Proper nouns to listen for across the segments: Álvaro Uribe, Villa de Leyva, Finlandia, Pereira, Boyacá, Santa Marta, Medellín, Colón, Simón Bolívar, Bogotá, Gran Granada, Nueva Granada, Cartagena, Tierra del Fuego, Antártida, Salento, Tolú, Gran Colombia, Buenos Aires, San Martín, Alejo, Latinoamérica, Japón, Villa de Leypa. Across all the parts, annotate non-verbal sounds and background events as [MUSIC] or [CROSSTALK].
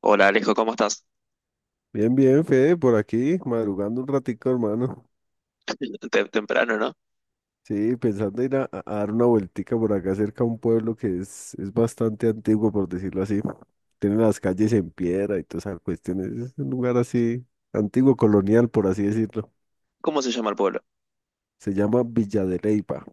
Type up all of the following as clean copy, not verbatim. Hola Alejo, ¿cómo estás? Bien, bien, Fede, por aquí, madrugando un ratico, hermano. [LAUGHS] Temprano, ¿no? Sí, pensando ir a dar una vueltica por acá cerca a un pueblo que es bastante antiguo, por decirlo así. Tiene las calles en piedra y todas esas cuestiones. Es un lugar así, antiguo colonial, por así decirlo. ¿Cómo se llama el pueblo? Se llama Villa de Leyva.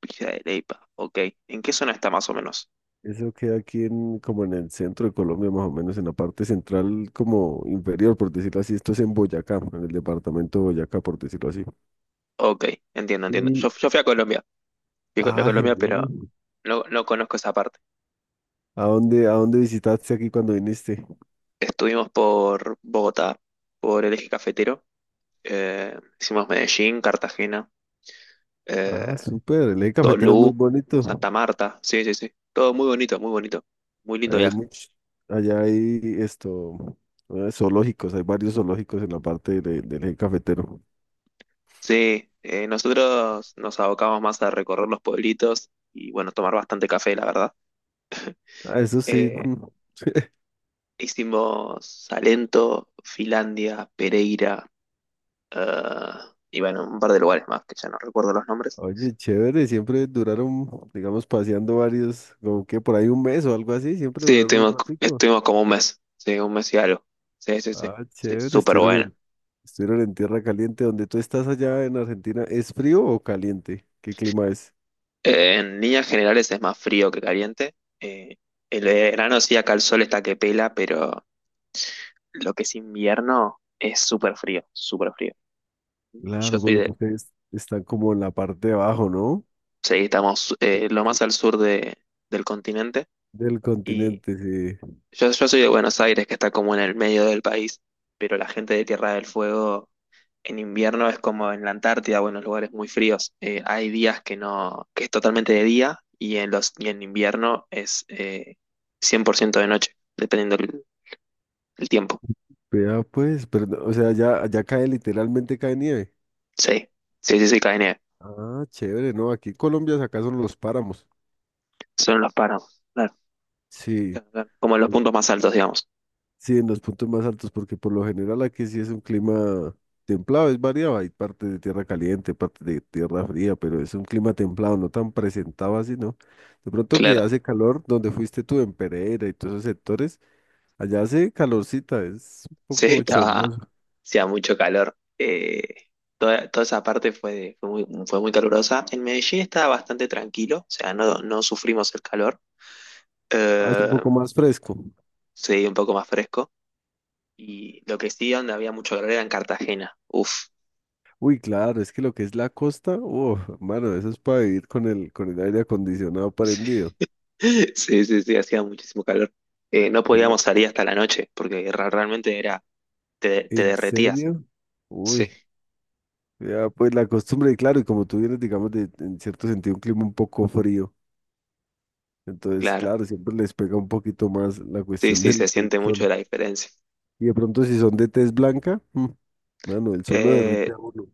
Villa de Leypa. Ok. ¿En qué zona está más o menos? Eso queda aquí en, como en el centro de Colombia, más o menos, en la parte central, como inferior, por decirlo así. Esto es en Boyacá, en el departamento de Boyacá, por decirlo así. Ok, entiendo, entiendo. Y, Yo fui a Colombia. Fui a ah, Colombia, genial. pero no conozco esa parte. ¿A dónde visitaste aquí cuando viniste? Estuvimos por Bogotá, por el eje cafetero. Hicimos Medellín, Cartagena, Ah, eh, súper. El eje cafetero es muy Tolú, bonito. Santa Marta. Sí, sí, sí. Todo muy bonito, muy bonito. Muy lindo Allá hay viaje. mucho, allá hay esto, zoológicos, hay varios zoológicos en la parte del eje cafetero. Sí, nosotros nos abocamos más a recorrer los pueblitos y bueno, tomar bastante café, la verdad. Ah, eso sí. [LAUGHS] Eh, Mm. Hicimos Salento, Finlandia, Pereira, ah, y bueno, un par de lugares más que ya no recuerdo los nombres. Oye, chévere, siempre duraron, digamos, paseando varios, como que por ahí un mes o algo así, siempre Sí, duraron un estuvimos, ratico. estuvimos como un mes, sí, un mes y algo. Sí, sí, sí, Ah, sí, chévere, súper estuvieron bueno. en, estuvieron en tierra caliente. ¿Donde tú estás allá en Argentina? ¿Es frío o caliente? ¿Qué clima es? En líneas generales es más frío que caliente. Eh, el verano sí, acá el sol está que pela, pero lo que es invierno es súper frío, súper frío. Yo Claro, por soy lo de, que ustedes están como en la parte de abajo, ¿no? sí, estamos Eh, lo eh, más al sur de, del continente Del y continente, sí. yo soy de Buenos Aires, que está como en el medio del país, pero la gente de Tierra del Fuego en invierno es como en la Antártida o en los lugares muy fríos. Hay días que no, que es totalmente de día y en los, y en invierno es 100% de noche, dependiendo el tiempo. Vea pues, pero, no, o sea, ya cae, literalmente cae nieve. Sí, sí, sí, sí, cae nieve. Ah, chévere, ¿no? Aquí en Colombia acá son los páramos. Son los páramos, claro, Sí, claro, claro. Como en los puntos más altos, digamos. sí, en los puntos más altos, porque por lo general aquí sí es un clima templado, es variado, hay partes de tierra caliente, partes de tierra fría, pero es un clima templado, no tan presentado así, ¿no? De pronto que Claro. hace calor donde fuiste tú, en Pereira y todos esos sectores. Allá hace calorcita, es un Sí, poco estaba, chornoso. Hacía mucho calor. Toda esa parte fue, fue muy calurosa. En Medellín estaba bastante tranquilo, o sea, no sufrimos el calor. Ah, es un Eh, poco más fresco. sí, un poco más fresco. Y lo que sí, donde había mucho calor era en Cartagena. Uf, Uy, claro, es que lo que es la costa, oh, mano, eso es para vivir con el aire acondicionado prendido. [LAUGHS] sí, sí, sí, hacía muchísimo calor. No Allá, podíamos salir hasta la noche, porque realmente era, te ¿en derretías. serio? Uy, Sí, ya, pues la costumbre, y claro, y como tú vienes, digamos, de, en cierto sentido, un clima un poco frío, entonces, claro. claro, siempre les pega un poquito más la Sí, cuestión [LAUGHS] sí, se del, del siente mucho sol. la diferencia. Y de pronto, si son de tez blanca, mm, mano, el sol lo Eh, derrite a uno.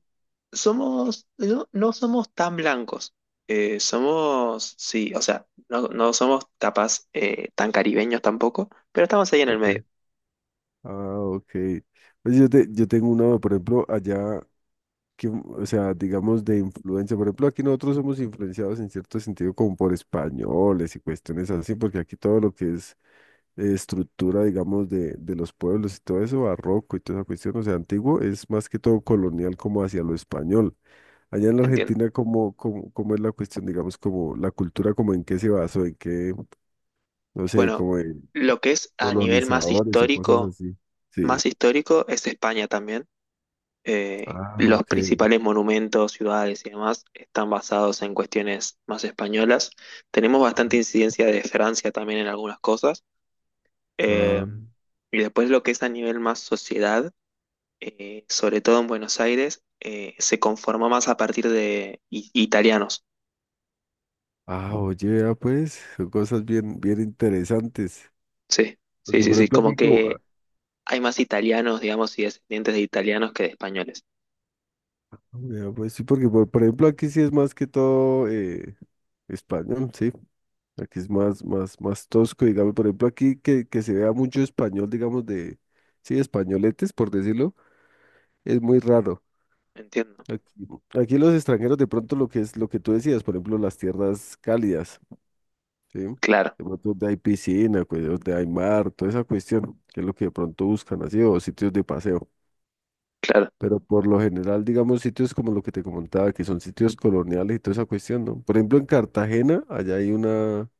Somos, no, no somos tan blancos. Somos, sí, o sea, no, no somos capaz tan caribeños tampoco, pero estamos ahí en el medio, Ok. Ah, ok. Pues yo tengo una, por ejemplo, allá, que, o sea, digamos de influencia. Por ejemplo, aquí nosotros somos influenciados en cierto sentido como por españoles y cuestiones así, porque aquí todo lo que es estructura, digamos, de los pueblos y todo eso, barroco y toda esa cuestión, o sea, antiguo, es más que todo colonial como hacia lo español. Allá en la entiendo. Argentina, ¿cómo es la cuestión, digamos, como la cultura, como en qué se basó, en qué, no sé, Bueno, como en lo que es a nivel colonizadores o cosas así? Sí. más histórico es España también. Ah, Los ok. principales monumentos, ciudades y demás están basados en cuestiones más españolas. Tenemos bastante incidencia de Francia también en algunas cosas. Eh, Ah, y después lo que es a nivel más sociedad. Sobre todo en Buenos Aires, se conformó más a partir de italianos. Oye, vea pues, son cosas bien, bien interesantes. Sí, sí, Porque sí, por sí, ejemplo como aquí como, ah, que hay más italianos, digamos, y descendientes de italianos que de españoles. vea, pues sí, porque por ejemplo aquí sí es más que todo español, sí. Aquí es más, más, más tosco, digamos, por ejemplo aquí que se vea mucho español, digamos, de, sí, españoletes, por decirlo, es muy raro. Entiendo. Aquí, aquí los extranjeros de pronto lo que es lo que tú decías, por ejemplo, las tierras cálidas. ¿Sí? De Claro, pronto donde hay piscina, pues, donde hay mar, toda esa cuestión, que es lo que de pronto buscan así, o sitios de paseo. claro. Pero por lo general, digamos, sitios como lo que te comentaba, que son sitios coloniales y toda esa cuestión, ¿no? Por ejemplo, en Cartagena, allá hay una,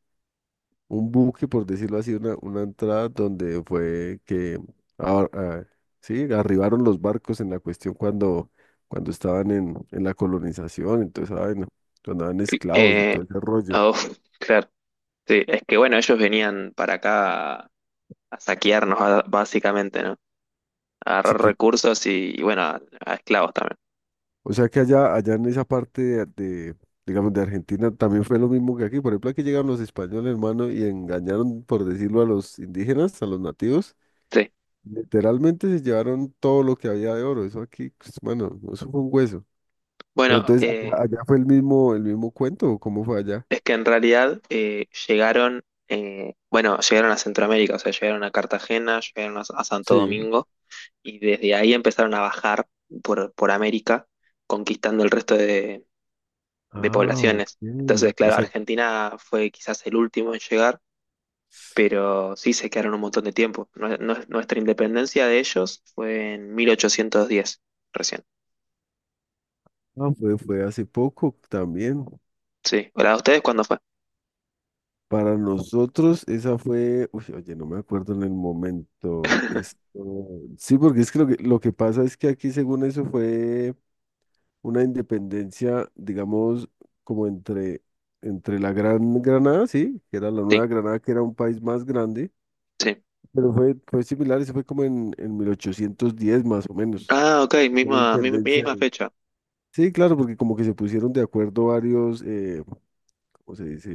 un buque, por decirlo así, una entrada donde fue que, ah, ah, sí, arribaron los barcos en la cuestión cuando estaban en la colonización, entonces, vaina, cuando eran esclavos y Eh, todo ese rollo. [LAUGHS] Claro. Sí, es que bueno, ellos venían para acá a saquearnos, básicamente, ¿no? A Así agarrar que recursos y, bueno, a esclavos también. o sea que allá en esa parte digamos, de Argentina también fue lo mismo que aquí. Por ejemplo, aquí llegaron los españoles, hermano, y engañaron, por decirlo, a los indígenas, a los nativos. Sí. Literalmente se llevaron todo lo que había de oro. Eso aquí, pues, bueno, eso fue un hueso. Pero Bueno, entonces, eh, allá, allá fue el mismo cuento, ¿o ¿cómo fue allá? Es que en realidad bueno, llegaron a Centroamérica, o sea, llegaron a Cartagena, llegaron a Santo Sí. Domingo y desde ahí empezaron a bajar por América, conquistando el resto de Ah, ok. poblaciones. Entonces, O claro, sea, Argentina fue quizás el último en llegar, pero sí se quedaron un montón de tiempo. Nuestra independencia de ellos fue en 1810, recién. ah, fue, fue hace poco también. Sí. ¿O la de ustedes cuándo fue? Para nosotros esa fue, uy, oye, no me acuerdo en el momento. Esto, sí, porque es que lo que, lo que pasa es que aquí según eso fue una independencia, digamos, como entre, entre la Gran Granada, sí, que era la Nueva Sí, Granada, que era un país más grande, sí. pero fue, fue similar, eso fue como en 1810 más o menos. Ah, ok, Fue la misma, independencia misma de- fecha. Sí, claro, porque como que se pusieron de acuerdo varios, ¿cómo se dice?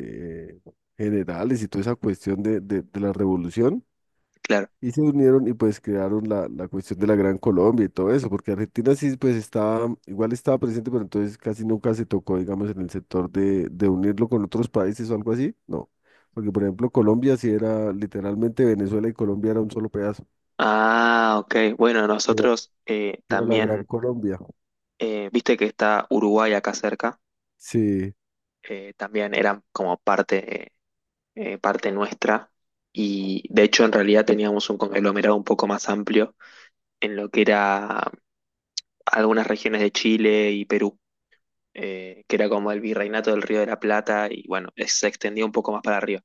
eh, Generales y toda esa cuestión de, de la revolución. Claro. Y se unieron y pues crearon la cuestión de la Gran Colombia y todo eso, porque Argentina sí pues estaba, igual estaba presente, pero entonces casi nunca se tocó, digamos, en el sector de unirlo con otros países o algo así, no. Porque por ejemplo Colombia sí era literalmente Venezuela y Colombia era un solo pedazo, Ah, ok. Bueno, que era, nosotros que era la Gran también, Colombia. Viste que está Uruguay acá cerca, Sí, también eran como parte, parte nuestra y de hecho en realidad teníamos un conglomerado un poco más amplio en lo que era algunas regiones de Chile y Perú, que era como el virreinato del Río de la Plata y bueno, se extendía un poco más para arriba.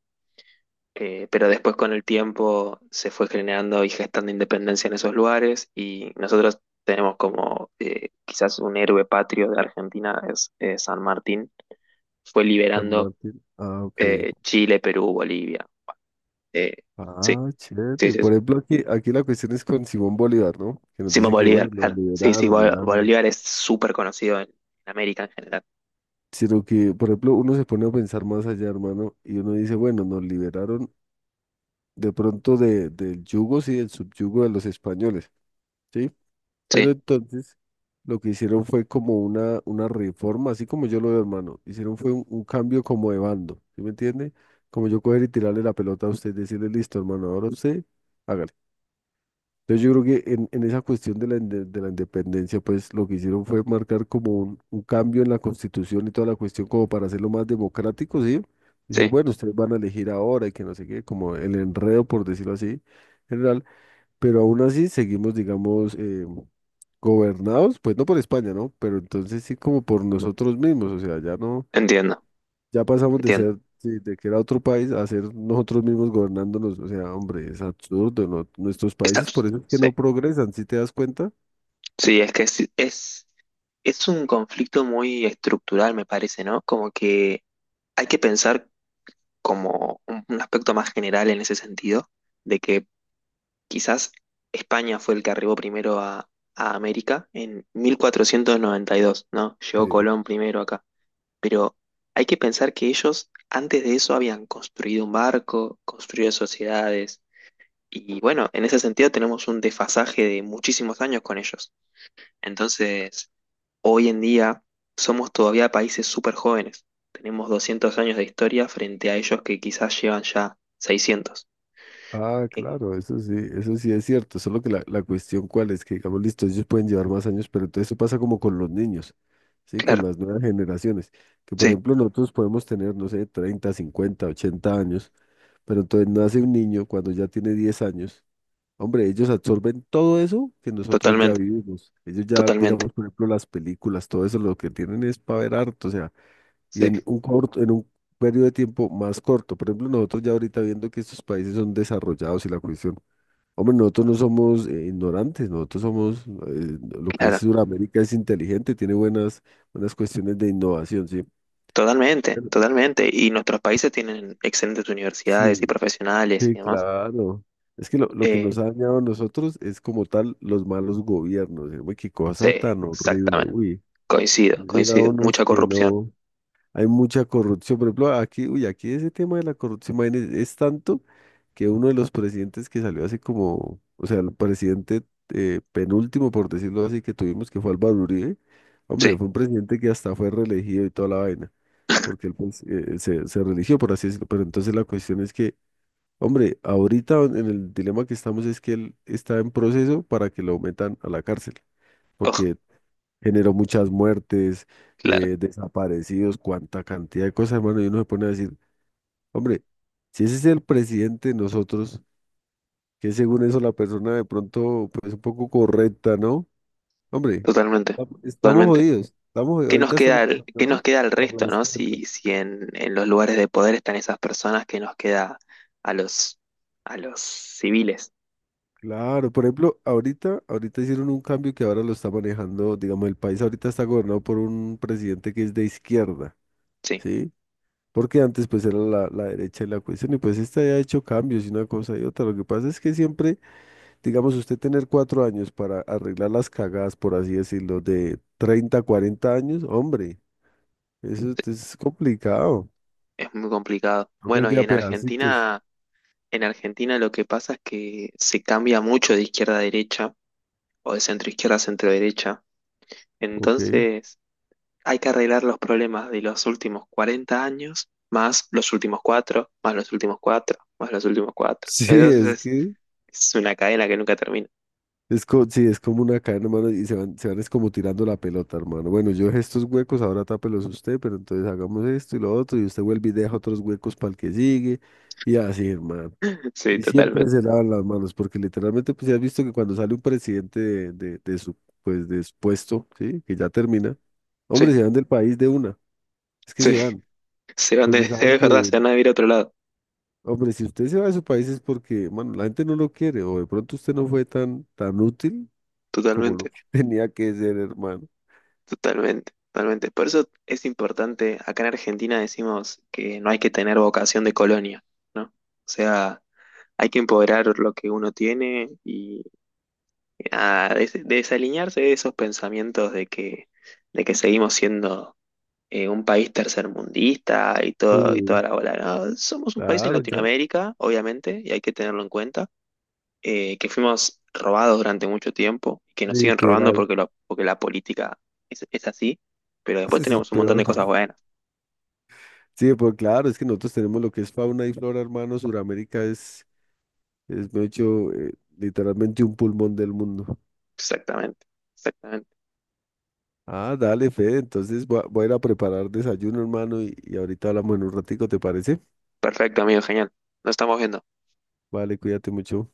Pero después con el tiempo se fue generando y gestando independencia en esos lugares y nosotros tenemos como quizás un héroe patrio de Argentina, es San Martín, fue San liberando Martín. Ah, ok. Chile, Perú, Bolivia. Eh, sí, Ah, sí, chévere. sí, sí. Por ejemplo aquí la cuestión es con Simón Bolívar, ¿no? Que nos Simón dice que bueno, Bolívar, nos claro. Sí, sí, liberaron el alma. Bolívar es súper conocido en América en general. Sino que, por ejemplo, uno se pone a pensar más allá, hermano, y uno dice, bueno, nos liberaron de pronto del yugo, sí, del subyugo de los españoles, ¿sí? Pero Sí, entonces lo que hicieron fue como una reforma, así como yo lo veo, hermano, hicieron fue un cambio como de bando, ¿sí me entiende? Como yo coger y tirarle la pelota a usted y decirle, listo, hermano, ahora usted, hágale. Entonces yo creo que en esa cuestión de la independencia, pues lo que hicieron fue marcar como un cambio en la constitución y toda la cuestión como para hacerlo más democrático, ¿sí? Decir, sí, bueno, ustedes van a elegir ahora y que no sé qué, como el enredo, por decirlo así, general, pero aún así seguimos, digamos, gobernados, pues no por España, ¿no? Pero entonces sí como por nosotros mismos, o sea, ya no. entiendo, Ya pasamos de entiendo. ser, sí, de que era otro país a ser nosotros mismos gobernándonos. O sea, hombre, es absurdo, ¿no? Nuestros Está- países, por eso es que sí, no progresan, ¿sí te das cuenta? sí, es que es un conflicto muy estructural, me parece, ¿no? Como que hay que pensar como un aspecto más general en ese sentido, de que quizás España fue el que arribó primero a América en 1492, ¿no? Llegó Sí. Colón primero acá, pero hay que pensar que ellos antes de eso habían construido un barco, construido sociedades, y bueno, en ese sentido tenemos un desfasaje de muchísimos años con ellos. Entonces, hoy en día somos todavía países súper jóvenes. Tenemos 200 años de historia frente a ellos que quizás llevan ya 600. Ah, Eh, claro, eso sí es cierto. Solo que la cuestión cuál es, que digamos, listo, ellos pueden llevar más años, pero entonces eso pasa como con los niños, ¿sí? Con claro, las nuevas generaciones. Que por sí, ejemplo nosotros podemos tener, no sé, 30 50 80 años, pero entonces nace un niño cuando ya tiene 10 años. Hombre, ellos absorben todo eso que nosotros ya totalmente, vivimos. Ellos ya, totalmente, digamos, por ejemplo, las películas, todo eso lo que tienen es para ver harto, o sea, y sí, en un corto, en un periodo de tiempo más corto. Por ejemplo, nosotros ya ahorita viendo que estos países son desarrollados y la cuestión. Hombre, nosotros no somos ignorantes, nosotros somos, lo que es claro, Sudamérica es inteligente, tiene buenas, buenas cuestiones de innovación, ¿sí? totalmente, Pero totalmente. Y nuestros países tienen excelentes universidades y sí, profesionales sí, y demás. claro. Es que lo que Eh, nos ha dañado a nosotros es como tal los malos gobiernos. Uy, qué sí, cosa tan horrible. exactamente. Uy, Coincido, han llegado coincido. unos Mucha que corrupción. no. Hay mucha corrupción. Por ejemplo, aquí, uy, aquí ese tema de la corrupción, imagínese, es tanto que uno de los presidentes que salió hace como, o sea, el presidente penúltimo, por decirlo así, que tuvimos, que fue Álvaro Uribe, hombre, Sí, fue un presidente que hasta fue reelegido y toda la vaina, porque él pues, se reeligió, por así decirlo. Pero entonces la cuestión es que hombre, ahorita en el dilema que estamos es que él está en proceso para que lo metan a la cárcel, oh, porque generó muchas muertes, claro, desaparecidos, cuánta cantidad de cosas, hermano, y uno se pone a decir, hombre, si ese es el presidente de nosotros, que según eso la persona de pronto, pues un poco correcta, ¿no? Hombre, totalmente, estamos totalmente. jodidos, estamos, ¿Qué nos ahorita estamos queda, ¿qué nos gobernados queda al por resto, la ¿no? izquierda. Si, si en, en los lugares de poder están esas personas, ¿qué nos queda a los, a los civiles? Claro, por ejemplo, ahorita, ahorita hicieron un cambio que ahora lo está manejando, digamos, el país ahorita está gobernado por un presidente que es de izquierda, Sí, ¿sí? Porque antes pues era la derecha y la cuestión y pues esta ya ha hecho cambios y una cosa y otra. Lo que pasa es que siempre, digamos, usted tener 4 años para arreglar las cagadas, por así decirlo, de 30, 40 años, hombre, eso es complicado. es muy complicado. Toca ir Bueno, y de a pedacitos. En Argentina lo que pasa es que se cambia mucho de izquierda a derecha o de centro izquierda a centro derecha. Ok. [LAUGHS] Entonces, hay que arreglar los problemas de los últimos 40 años, más los últimos cuatro, más los últimos cuatro, más los últimos cuatro. Sí, Entonces, es que es una cadena que nunca termina. es co- sí, es como una cadena, hermano, y se van es como tirando la pelota, hermano. Bueno, yo dejé estos huecos, ahora tápelos usted, pero entonces hagamos esto y lo otro, y usted vuelve y deja otros huecos para el que sigue, y así, hermano. [LAUGHS] Sí, Y siempre totalmente. se lavan las manos, porque literalmente, pues ya has visto que cuando sale un presidente de su puesto, ¿sí? Que ya termina, Sí, hombre, se van del país de una, es que sí, se van, [LAUGHS] se van de, [LAUGHS] porque es saben verdad, que, se van a ir a otro lado, hombre, si usted se va de su país es porque, bueno, la gente no lo quiere, o de pronto usted no fue tan, tan útil como lo totalmente, que [LAUGHS] tenía que ser, hermano. totalmente, totalmente. Por eso es importante, acá en Argentina decimos que no hay que tener vocación de colonia, ¿no? O sea, hay que empoderar lo que uno tiene y ah, desalinearse de esos pensamientos de que seguimos siendo un país tercermundista y todo, y toda Sí, la bola, ¿no? Somos un país en claro, ya, Latinoamérica, obviamente, y hay que tenerlo en cuenta que fuimos robados durante mucho tiempo, que nos siguen robando literal. porque, porque la política es así, pero [LAUGHS] después Eso es tenemos un montón peor. de cosas buenas. Sí, pues claro, es que nosotros tenemos lo que es fauna y flora, hermano. Suramérica es de hecho, literalmente un pulmón del mundo. Exactamente, exactamente. Ah, dale, Fede. Entonces voy a, voy a ir a preparar desayuno, hermano, y ahorita hablamos en un ratico, ¿te parece? Perfecto, amigo, genial. Nos estamos viendo. Vale, cuídate mucho.